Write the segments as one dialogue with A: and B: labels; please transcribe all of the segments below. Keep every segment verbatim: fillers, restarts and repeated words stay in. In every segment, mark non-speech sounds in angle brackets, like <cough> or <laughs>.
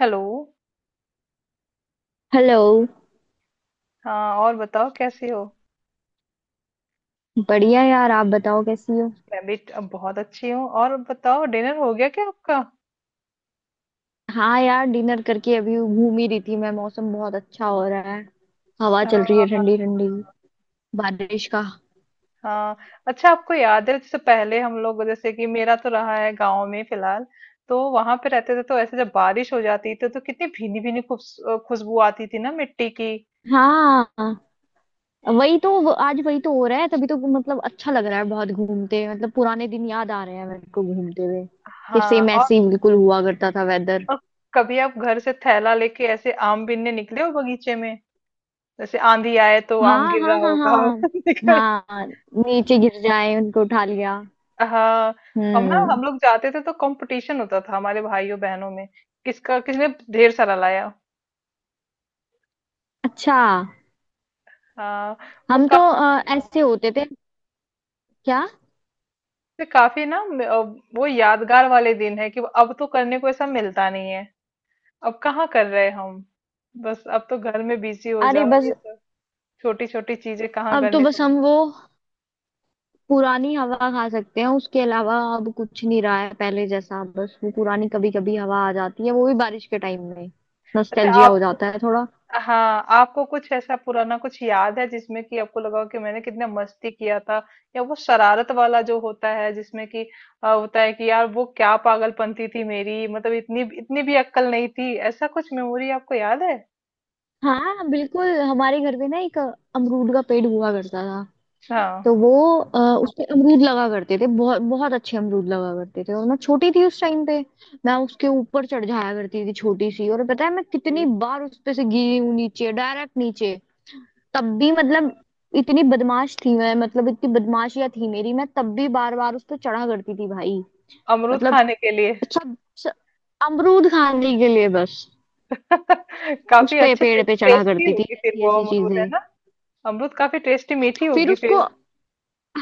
A: Hello.
B: Hello.
A: हाँ, और बताओ कैसी हो?
B: बढ़िया यार, आप बताओ कैसी हो।
A: मैं भी ट- बहुत अच्छी हूँ। और बताओ, डिनर हो गया क्या आपका?
B: हाँ यार, डिनर करके अभी घूम ही रही थी मैं। मौसम बहुत अच्छा हो रहा है। हवा चल रही है
A: हाँ।
B: ठंडी ठंडी। बारिश का।
A: हाँ। अच्छा, आपको याद है जैसे पहले हम लोग, जैसे कि मेरा तो रहा है गांव में फिलहाल, तो वहां पे रहते थे तो ऐसे जब बारिश हो जाती थी तो कितनी भीनी भीनी खुश- खुशबू आती थी ना मिट्टी की।
B: हाँ, वही तो वो- आज वही तो हो रहा है, तभी तो मतलब अच्छा लग रहा है बहुत घूमते, मतलब पुराने दिन याद आ रहे हैं मेरे को घूमते हुए। कि
A: हाँ।
B: सेम
A: और,
B: ऐसे ही बिल्कुल हुआ करता था वेदर।
A: और कभी आप घर से थैला लेके ऐसे आम बीनने निकले हो बगीचे में, जैसे आंधी आए तो आम
B: हाँ
A: गिर
B: हाँ
A: रहा
B: हाँ हाँ।
A: होगा। <laughs>
B: हाँ, नीचे गिर जाए उनको उठा लिया।
A: हाँ। हम ना,
B: हम्म।
A: हम लोग जाते थे तो कंपटीशन होता था हमारे भाइयों बहनों में किसका किसने ढेर सारा लाया।
B: अच्छा,
A: हाँ। वो
B: हम तो
A: काफी,
B: अ, ऐसे होते थे। क्या?
A: काफी ना म- अ, वो यादगार वाले दिन है कि अब तो करने को ऐसा मिलता नहीं है। अब कहाँ कर रहे हैं हम? बस अब तो घर में बिजी हो
B: अरे
A: जाओ ये
B: बस।
A: सब। छोटी छोटी चीजें कहाँ
B: अब तो
A: करने को
B: बस
A: मिल।
B: हम वो पुरानी हवा खा सकते हैं, उसके अलावा अब कुछ नहीं रहा है पहले जैसा। बस वो पुरानी कभी कभी हवा आ जाती है, वो भी बारिश के टाइम में।
A: अच्छा
B: नॉस्टैल्जिया हो
A: आपको।
B: जाता है थोड़ा।
A: हाँ, आपको कुछ ऐसा पुराना कुछ याद है जिसमें कि आपको लगा हो कि मैंने कितना मस्ती किया था, या वो शरारत वाला जो होता है जिसमें कि अ, होता है कि यार वो क्या पागलपंती थी मेरी, मतलब इतनी इतनी भी अक्कल नहीं थी, ऐसा कुछ मेमोरी आपको याद है?
B: हाँ बिल्कुल, हमारे घर पे ना एक अमरूद का पेड़ हुआ करता था।
A: हाँ।
B: तो वो आ, उस पे अमरूद लगा करते थे, बहुत बहुत अच्छे अमरूद लगा करते थे, और मैं छोटी थी उस टाइम पे। मैं उसके ऊपर चढ़ जाया करती थी छोटी सी, और पता है मैं कितनी
A: अरे!
B: बार उस पे से गिरी हूँ नीचे, डायरेक्ट नीचे। तब भी मतलब इतनी बदमाश थी मैं, मतलब इतनी बदमाशियां थी मेरी, मैं तब भी बार बार उस पर चढ़ा करती थी भाई।
A: अमरूद
B: मतलब
A: खाने के लिए।
B: सब, सब अमरूद खाने के लिए बस।
A: <laughs>
B: उस
A: काफी
B: पे
A: अच्छी टे,
B: पेड़ पे चढ़ा
A: टेस्टी
B: करती थी,
A: होगी फिर
B: ऐसी
A: वो
B: ऐसी
A: अमरूद, है
B: चीजें।
A: ना? अमरूद काफी टेस्टी मीठी
B: फिर
A: होगी
B: उसको।
A: फिर।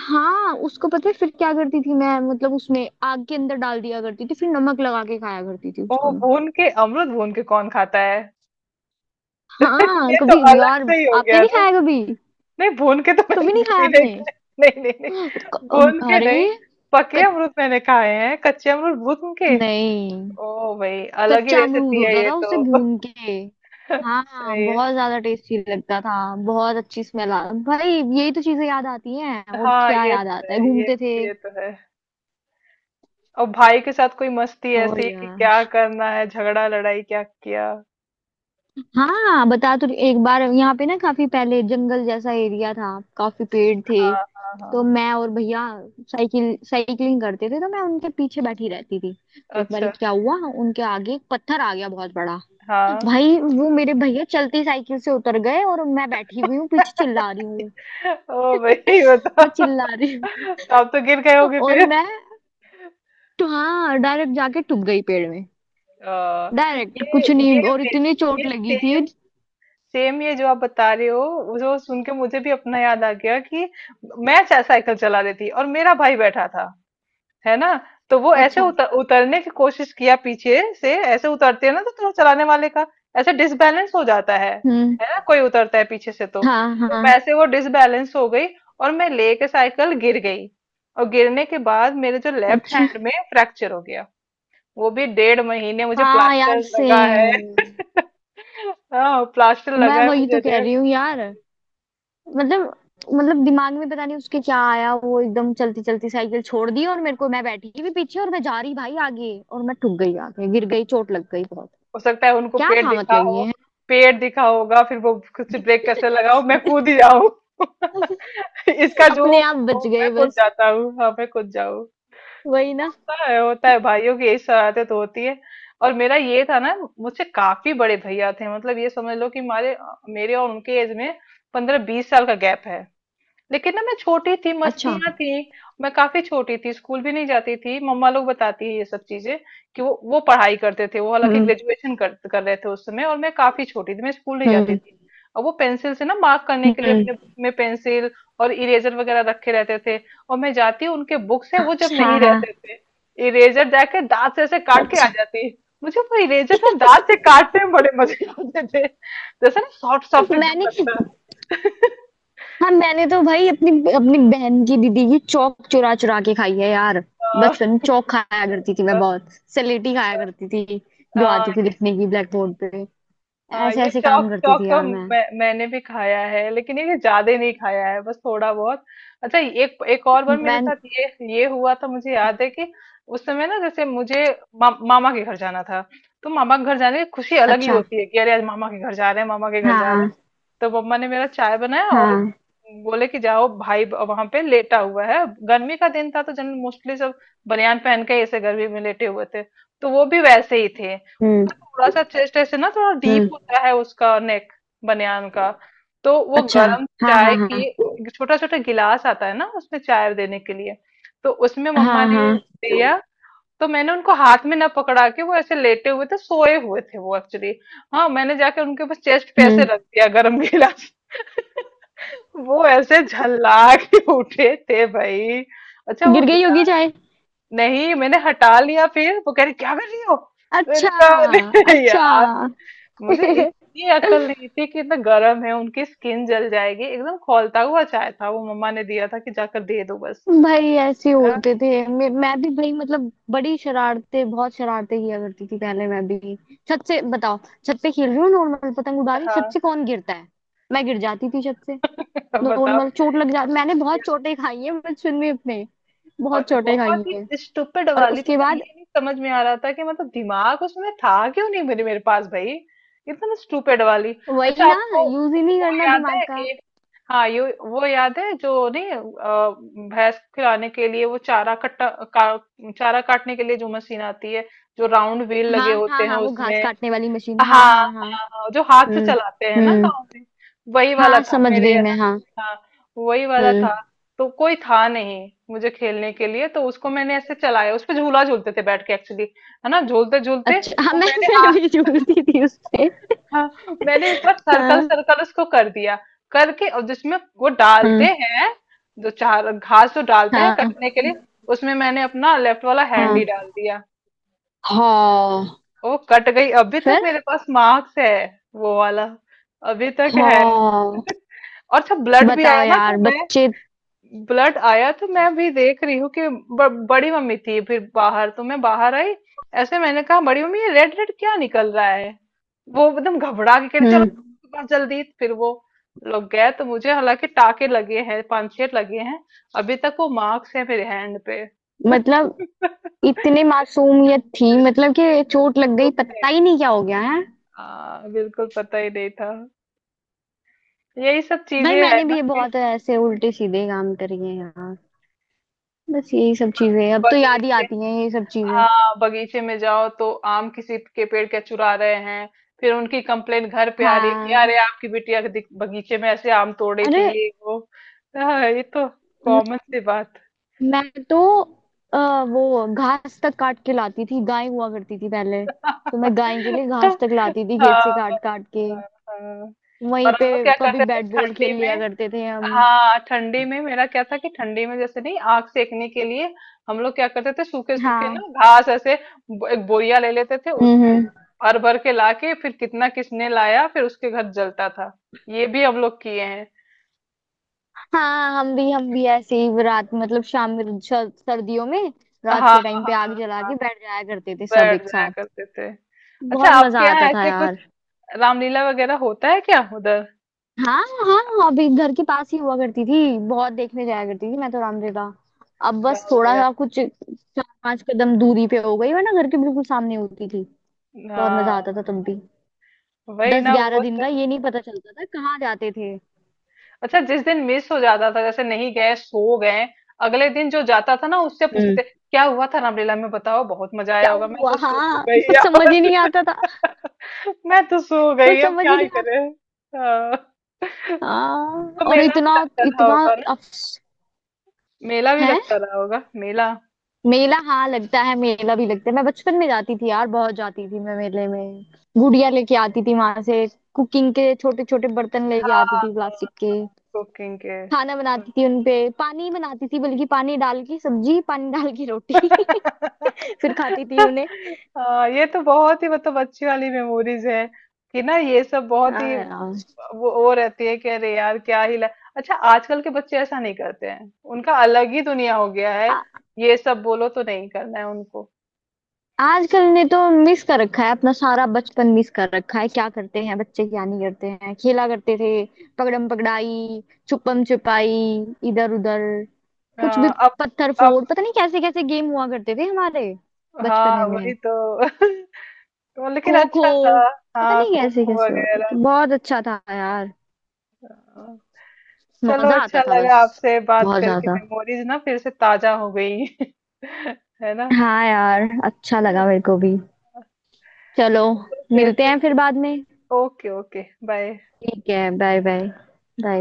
B: हाँ, उसको पता है फिर क्या करती थी मैं? मतलब उसमें आग के अंदर डाल दिया करती थी, फिर नमक लगा के खाया करती थी उसको
A: ओह
B: मैं।
A: भून के? अमरूद भून के कौन खाता है? <laughs>
B: हाँ
A: ये तो
B: कभी
A: अलग
B: यार।
A: से ही हो
B: आपने
A: गया।
B: नहीं खाया कभी?
A: नहीं, भून के तो मैंने
B: कभी नहीं खाया
A: कभी नहीं
B: आपने?
A: खाए। <laughs> नहीं नहीं नहीं,
B: क-
A: भून के
B: अरे।
A: नहीं। पके
B: कच
A: अमरूद मैंने खाए हैं, कच्चे अमरूद भून के?
B: नहीं,
A: ओ भाई, अलग ही
B: कच्चा अमरूद
A: रेसिपी है
B: होता
A: ये
B: था उसे
A: तो। <laughs>
B: भून के। हाँ,
A: सही है।
B: बहुत ज्यादा टेस्टी लगता था। बहुत अच्छी स्मेल आ। भाई। यही तो चीजें याद आती हैं, और
A: हाँ,
B: क्या
A: ये
B: याद
A: तो
B: आता
A: है।
B: है?
A: ये
B: घूमते थे।
A: ये तो है। और भाई के साथ कोई मस्ती
B: और
A: ऐसी कि
B: यार।
A: क्या करना है, झगड़ा लड़ाई क्या किया?
B: हाँ, बता तो रही- एक बार यहाँ पे ना काफी पहले जंगल जैसा एरिया था, काफी पेड़ थे।
A: हाँ हाँ
B: तो
A: हाँ।
B: मैं और भैया साइकिल साइकिलिंग करते थे, तो मैं उनके पीछे बैठी रहती थी। तो एक बार
A: अच्छा।
B: क्या हुआ, उनके आगे एक पत्थर आ गया बहुत बड़ा।
A: हाँ।
B: भाई वो मेरे भैया चलती साइकिल से उतर गए, और मैं बैठी हुई हूँ पीछे, चिल्ला रही हूँ।
A: <laughs> ओ भाई
B: मैं
A: बताओ।
B: चिल्ला रही
A: <laughs>
B: हूँ,
A: तो आप तो गिर गए होगे
B: और
A: फिर?
B: मैं। तो हाँ, डायरेक्ट जाके टूट गई पेड़ में।
A: अ,
B: डायरेक्ट
A: ये
B: कुछ नहीं,
A: ये
B: और
A: मे-
B: इतनी
A: ये
B: चोट लगी थी।
A: सेम, सेम ये जो आप बता रहे हो, वो जो सुन के मुझे भी अपना याद आ गया कि मैं चा- साइकिल चला रही थी और मेरा भाई बैठा था, है ना? तो वो ऐसे
B: अच्छा।
A: उतर, उतरने की कोशिश किया, पीछे से ऐसे उतरते हैं ना तो थोड़ा चलाने वाले का ऐसे डिसबैलेंस हो जाता है
B: हम्म।
A: है ना? कोई उतरता है पीछे से तो
B: हाँ
A: तो
B: हाँ।
A: वैसे वो डिसबैलेंस हो गई, और मैं लेके साइकिल गिर गई। और गिरने के बाद मेरे जो लेफ्ट
B: अच्छा।
A: हैंड में फ्रैक्चर हो गया, वो भी डेढ़ महीने मुझे
B: हाँ
A: प्लास्टर
B: यार,
A: लगा है।
B: सेम।
A: <laughs> हाँ, प्लास्टर
B: मैं
A: लगा है
B: वही
A: मुझे
B: तो कह
A: डेढ़।
B: रही हूँ यार, मतलब मतलब दिमाग में पता नहीं उसके क्या आया, वो एकदम चलती चलती साइकिल छोड़ दी, और मेरे को मैं बैठी भी पीछे, और मैं जा रही भाई आगे, और मैं ठुक गई आगे, गिर गई, चोट लग गई बहुत।
A: हो सकता है उनको
B: क्या
A: पेड़
B: था
A: दिखा
B: मतलब
A: हो।
B: ये।
A: पेड़ दिखा होगा फिर वो कुछ, ब्रेक कैसे लगाओ, मैं कूद ही जाऊं। <laughs> इसका जो,
B: अपने आप बच गए
A: मैं कूद
B: बस।
A: जाता हूँ, हाँ, मैं कूद जाऊं।
B: वही ना।
A: होता है, होता है, भाइयों की यही शरारतें तो होती है। और मेरा ये था ना, मुझसे काफी बड़े भैया थे, मतलब ये समझ लो कि हमारे, मेरे और उनके एज में पंद्रह बीस साल का गैप है। लेकिन ना, मैं छोटी थी,
B: अच्छा।
A: मस्तियां थी। मैं काफी छोटी थी, स्कूल भी नहीं जाती थी, मम्मा लोग बताती है ये सब चीजें कि वो वो पढ़ाई करते थे, वो हालांकि
B: हम्म।
A: ग्रेजुएशन कर, कर रहे थे उस समय, और मैं काफी छोटी थी, मैं स्कूल नहीं जाती
B: हम्म।
A: थी। और वो पेंसिल से ना मार्क करने के लिए
B: हम्म।
A: अपने बुक में पेंसिल और इरेजर वगैरह रखे रहते थे। और मैं जाती उनके बुक से,
B: हाँ
A: वो जब
B: हाँ
A: नहीं
B: हाँ।
A: रहते थे, इरेजर जाके दांत से ऐसे काट के आ
B: अच्छा।
A: जाती। मुझे वो इरेजर ना दांत से काटने में बड़े मजे आते थे, जैसे ना सॉफ्ट सॉफ्ट एकदम
B: मैंने
A: लगता है। <laughs>
B: हाँ, मैंने तो भाई अपनी अपनी बहन की, दीदी की चौक चुरा चुरा के खाई है यार।
A: हाँ।
B: बचपन में चौक खाया करती थी मैं, बहुत स्लेटी खाया करती थी। जो
A: आ,
B: आती थी लिखने की ब्लैक बोर्ड पे।
A: आ,
B: ऐसे
A: ये
B: ऐसे
A: चौक
B: काम करती
A: चौक
B: थी
A: तो
B: यार मैं।
A: मैं, मैंने भी खाया है, लेकिन ये ज्यादा नहीं खाया है, बस थोड़ा बहुत। अच्छा एक एक और बार मेरे
B: मैं
A: साथ ये ये हुआ था, मुझे याद है कि उस समय ना जैसे मुझे मा, मामा के घर जाना था। तो मामा के घर जाने की खुशी अलग ही
B: अच्छा।
A: होती है कि अरे आज मामा के घर जा रहे हैं, मामा के घर जा रहे हैं।
B: हाँ
A: तो मम्मा ने मेरा चाय बनाया और
B: हाँ।
A: बोले कि जाओ भाई वहां पे लेटा हुआ है। गर्मी का दिन था तो जन मोस्टली सब बनियान पहन के ऐसे गर्मी में लेटे हुए थे। तो वो भी वैसे ही थे।
B: हम्म।
A: उनका थोड़ा सा चेस्ट ऐसे ना, थोड़ा डीप
B: हम्म।
A: होता है उसका नेक, बनियान का। तो वो
B: अच्छा।
A: गर्म
B: हाँ
A: चाय
B: हाँ हाँ।
A: की छोटा छोटा गिलास आता है ना उसमें चाय देने के लिए, तो उसमें मम्मा
B: हाँ
A: ने
B: हाँ।
A: दिया। तो मैंने उनको हाथ में ना पकड़ा के, वो ऐसे लेटे हुए थे सोए हुए थे वो एक्चुअली, हाँ, मैंने जाके उनके ऊपर चेस्ट पे ऐसे
B: हम्म।
A: रख दिया गर्म गिलास। <laughs> वो ऐसे झल्ला के उठे थे भाई। अच्छा वो
B: गिर गई होगी
A: गिलास?
B: चाय?
A: नहीं, मैंने हटा लिया। फिर वो कह रही क्या कर रही हो? मैंने
B: अच्छा।
A: कहा "अरे
B: अच्छा।
A: यार, मुझे
B: <laughs>
A: इतनी अकल नहीं थी कि इतना गर्म है, उनकी स्किन जल जाएगी, एकदम खौलता हुआ चाय था, वो मम्मा ने दिया था कि जाकर दे दो बस।"
B: भाई ऐसे
A: अ,
B: होते थे। मैं, मैं भी भाई, मतलब बड़ी शरारतें, बहुत शरारतें किया करती थी पहले मैं भी। छत से बताओ। छत पे खेल रही हूँ नॉर्मल, पतंग उड़ा रही,
A: हाँ।
B: छत से कौन गिरता है? मैं गिर जाती थी छत से।
A: <laughs> बताओ।
B: नॉर्मल चोट लग जाती, मैंने बहुत चोटें खाई है बचपन में अपने। बहुत
A: और
B: चोटें खाई
A: बहुत
B: है।
A: ही स्टूपिड
B: और
A: वाली,
B: उसके
A: मतलब ये
B: बाद।
A: नहीं समझ में आ रहा था, कि मतलब दिमाग उसमें था क्यों नहीं, मेरे मेरे पास भाई। एकदम स्टूपिड वाली।
B: वही
A: अच्छा
B: ना,
A: आपको
B: यूज ही नहीं
A: वो
B: करना
A: याद
B: दिमाग
A: है
B: का।
A: कि हाँ, ये वो याद है जो नहीं, अ, भैंस को खिलाने के लिए वो चारा कट्टा, का, चारा काटने के लिए जो मशीन आती है जो राउंड व्हील लगे
B: हाँ
A: होते
B: हाँ
A: हैं
B: हाँ, वो घास
A: उसमें।
B: काटने वाली मशीन।
A: हाँ
B: हाँ हाँ हाँ।
A: हाँ हाँ, जो हाथ से
B: हम्म।
A: चलाते हैं ना
B: हम्म।
A: गांव में। वही वाला
B: हाँ,
A: था
B: समझ
A: मेरे
B: गई
A: यहाँ।
B: मैं। हाँ।
A: हाँ, वही वाला था।
B: हम्म।
A: तो कोई था नहीं मुझे खेलने के लिए, तो उसको मैंने ऐसे चलाया, उस पे झूला झूलते थे बैठ के एक्चुअली, है ना, झूलते झूलते
B: अच्छा, हाँ,
A: वो
B: मैं
A: मैंने,
B: मैं
A: हाँ।
B: भी
A: <laughs>
B: जूझती थी उससे।
A: हाँ। मैंने एक बार सर्कल
B: हाँ।
A: सर्कल उसको कर दिया करके, और जिसमें वो डालते
B: हम्म।
A: हैं, जो चार घास जो डालते हैं कटने
B: हाँ
A: के लिए, उसमें मैंने अपना लेफ्ट वाला
B: हाँ।
A: हैंड ही
B: हम्म।
A: डाल दिया।
B: हाँ।
A: ओ, कट गई! अभी तक
B: फिर।
A: मेरे पास मार्क्स है वो वाला, अभी तक है।
B: हाँ।
A: <laughs> और जब ब्लड भी
B: बताओ
A: आया ना तो
B: यार,
A: मैं,
B: बच्चे।
A: ब्लड आया तो मैं भी देख रही हूँ कि ब, बड़ी मम्मी थी फिर बाहर, तो मैं बाहर आई, ऐसे मैंने कहा बड़ी मम्मी ये रेड रेड क्या निकल रहा है। वो एकदम घबरा के कह रही चलो
B: हम्म।
A: डॉक्टर के पास जल्दी, फिर वो लोग गए तो मुझे हालांकि टाके लगे हैं, पांच छह लगे हैं। अभी तक वो मार्क्स है मेरे हैंड पे। <laughs>
B: मतलब इतने मासूमियत थी, मतलब कि चोट लग गई,
A: तो
B: पता ही नहीं क्या हो गया है।
A: हाँ, बिल्कुल पता ही नहीं था। यही सब चीजें
B: भाई
A: है
B: मैंने भी
A: ना
B: ये
A: कि
B: बहुत ऐसे उल्टे सीधे काम करे हैं यार। बस यही सब
A: ब-
B: चीजें अब तो याद ही
A: बगीचे,
B: आती हैं, ये सब चीजें।
A: हाँ, बगीचे में जाओ तो आम किसी के पेड़ के चुरा रहे हैं, फिर उनकी कंप्लेन घर पे आ रही है कि
B: हाँ,
A: अरे आपकी बिटिया के दिख- बगीचे में ऐसे आम तोड़ रही
B: अरे।
A: थी, ये वो। हाँ, ये तो
B: म-
A: कॉमन सी बात।
B: मैं तो आ, वो घास तक काट के लाती थी, गाय हुआ करती थी पहले,
A: <laughs>
B: तो मैं गाय के लिए घास
A: हाँ
B: तक लाती थी खेत से
A: हाँ
B: काट काट के।
A: हाँ।
B: वहीं
A: और
B: पे।
A: हम लोग क्या
B: कभी
A: करते थे
B: बैट बॉल
A: ठंडी
B: खेल लिया
A: में?
B: करते थे हम।
A: हाँ, ठंडी में मेरा क्या था कि ठंडी में जैसे नहीं आग सेकने के लिए हम लोग क्या करते थे, सूखे सूखे ना
B: हाँ।
A: घास ऐसे ब- एक बोरिया ले लेते थे उसमें,
B: हम्म।
A: भर भर के लाके फिर कितना किसने लाया, फिर उसके घर जलता था। ये भी हम लोग किए हैं।
B: हाँ, हम भी हम भी ऐसे ही रात, मतलब शाम में, श- सर्दियों में रात
A: हाँ
B: के टाइम पे आग
A: हाँ
B: जला
A: हाँ,
B: के बैठ जाया करते थे सब
A: बैठ
B: एक
A: जाया
B: साथ।
A: करते थे। अच्छा
B: बहुत मजा
A: आपके
B: आता
A: यहाँ
B: था
A: ऐसे कुछ
B: यार।
A: रामलीला वगैरह होता है क्या उधर?
B: हाँ हाँ, अभी घर के पास ही हुआ करती थी, बहुत देखने जाया करती थी मैं तो रामलीला। अब बस थोड़ा
A: रामलीला,
B: सा कुछ चार पांच कदम दूरी पे हो गई, वरना घर के बिल्कुल सामने होती थी। बहुत मजा
A: हाँ।
B: आता था तब भी।
A: वही
B: दस
A: ना
B: ग्यारह
A: वो।
B: दिन का, ये नहीं पता चलता था कहाँ जाते थे।
A: अच्छा, जिस दिन मिस हो जाता था जैसे नहीं गए, सो गए, अगले दिन जो जाता था ना उससे पूछते थे क्या हुआ था रामलीला में, बताओ बहुत मजा
B: क्या
A: आया होगा, मैं
B: हुआ?
A: तो सो
B: हाँ,
A: गई
B: कुछ समझ
A: यार।
B: ही नहीं आता था।
A: <laughs> मैं तो सो गई,
B: कुछ
A: अब
B: समझ
A: क्या
B: ही
A: ही
B: नहीं
A: करें।
B: आता।
A: हाँ।
B: हाँ।
A: तो
B: और
A: मेला भी
B: इतना
A: लगता रहा
B: इतना
A: होगा ना?
B: अफस
A: मेला भी
B: है।
A: लगता रहा होगा, मेला
B: मेला, हाँ लगता है, मेला भी लगता है। मैं बचपन में जाती थी यार, बहुत जाती थी मैं मेले में। गुड़िया लेके आती थी वहां से। कुकिंग के छोटे छोटे बर्तन लेके
A: हाँ।
B: आती थी
A: हाँ,
B: प्लास्टिक के।
A: कुकिंग के,
B: खाना
A: हाँ।
B: बनाती थी उनपे। पानी बनाती थी, बल्कि पानी डाल के सब्जी, पानी डाल के रोटी।
A: <laughs>
B: <laughs> फिर खाती थी उन्हें।
A: हाँ, ये तो बहुत ही मतलब अच्छी वाली मेमोरीज है कि ना, ये सब बहुत
B: हाँ
A: ही
B: यार।
A: वो वो रहती है कि अरे यार क्या ही ला। अच्छा आजकल के बच्चे ऐसा नहीं करते हैं, उनका अलग ही दुनिया हो गया है, ये सब बोलो तो नहीं करना है उनको।
B: आजकल ने तो मिस कर रखा है, अपना सारा बचपन मिस कर रखा है। क्या करते हैं बच्चे, क्या नहीं करते हैं। खेला करते थे। पकड़म पकड़ाई। छुपम छुपाई। इधर उधर। कुछ भी।
A: हाँ। अब
B: पत्थर
A: अब
B: फोड़, पता नहीं कैसे कैसे गेम हुआ करते थे हमारे
A: हाँ,
B: बचपन में।
A: वही तो। <laughs> तो लेकिन
B: खो खो।
A: अच्छा था।
B: पता
A: हाँ,
B: नहीं
A: खो
B: कैसे
A: खो
B: कैसे होते
A: वगैरह।
B: थे, बहुत अच्छा था यार।
A: हाँ। चलो,
B: मजा आता
A: अच्छा
B: था
A: लगा
B: बस।
A: आपसे बात
B: बहुत
A: करके,
B: ज्यादा।
A: मेमोरीज ना फिर से ताजा हो गई। <laughs> है ना?
B: हाँ यार, अच्छा लगा मेरे को भी।
A: चलो,
B: चलो।
A: फिर
B: मिलते हैं फिर
A: ठीक
B: बाद में।
A: है। Okay, okay, bye.
B: ठीक है, बाय बाय। बाय।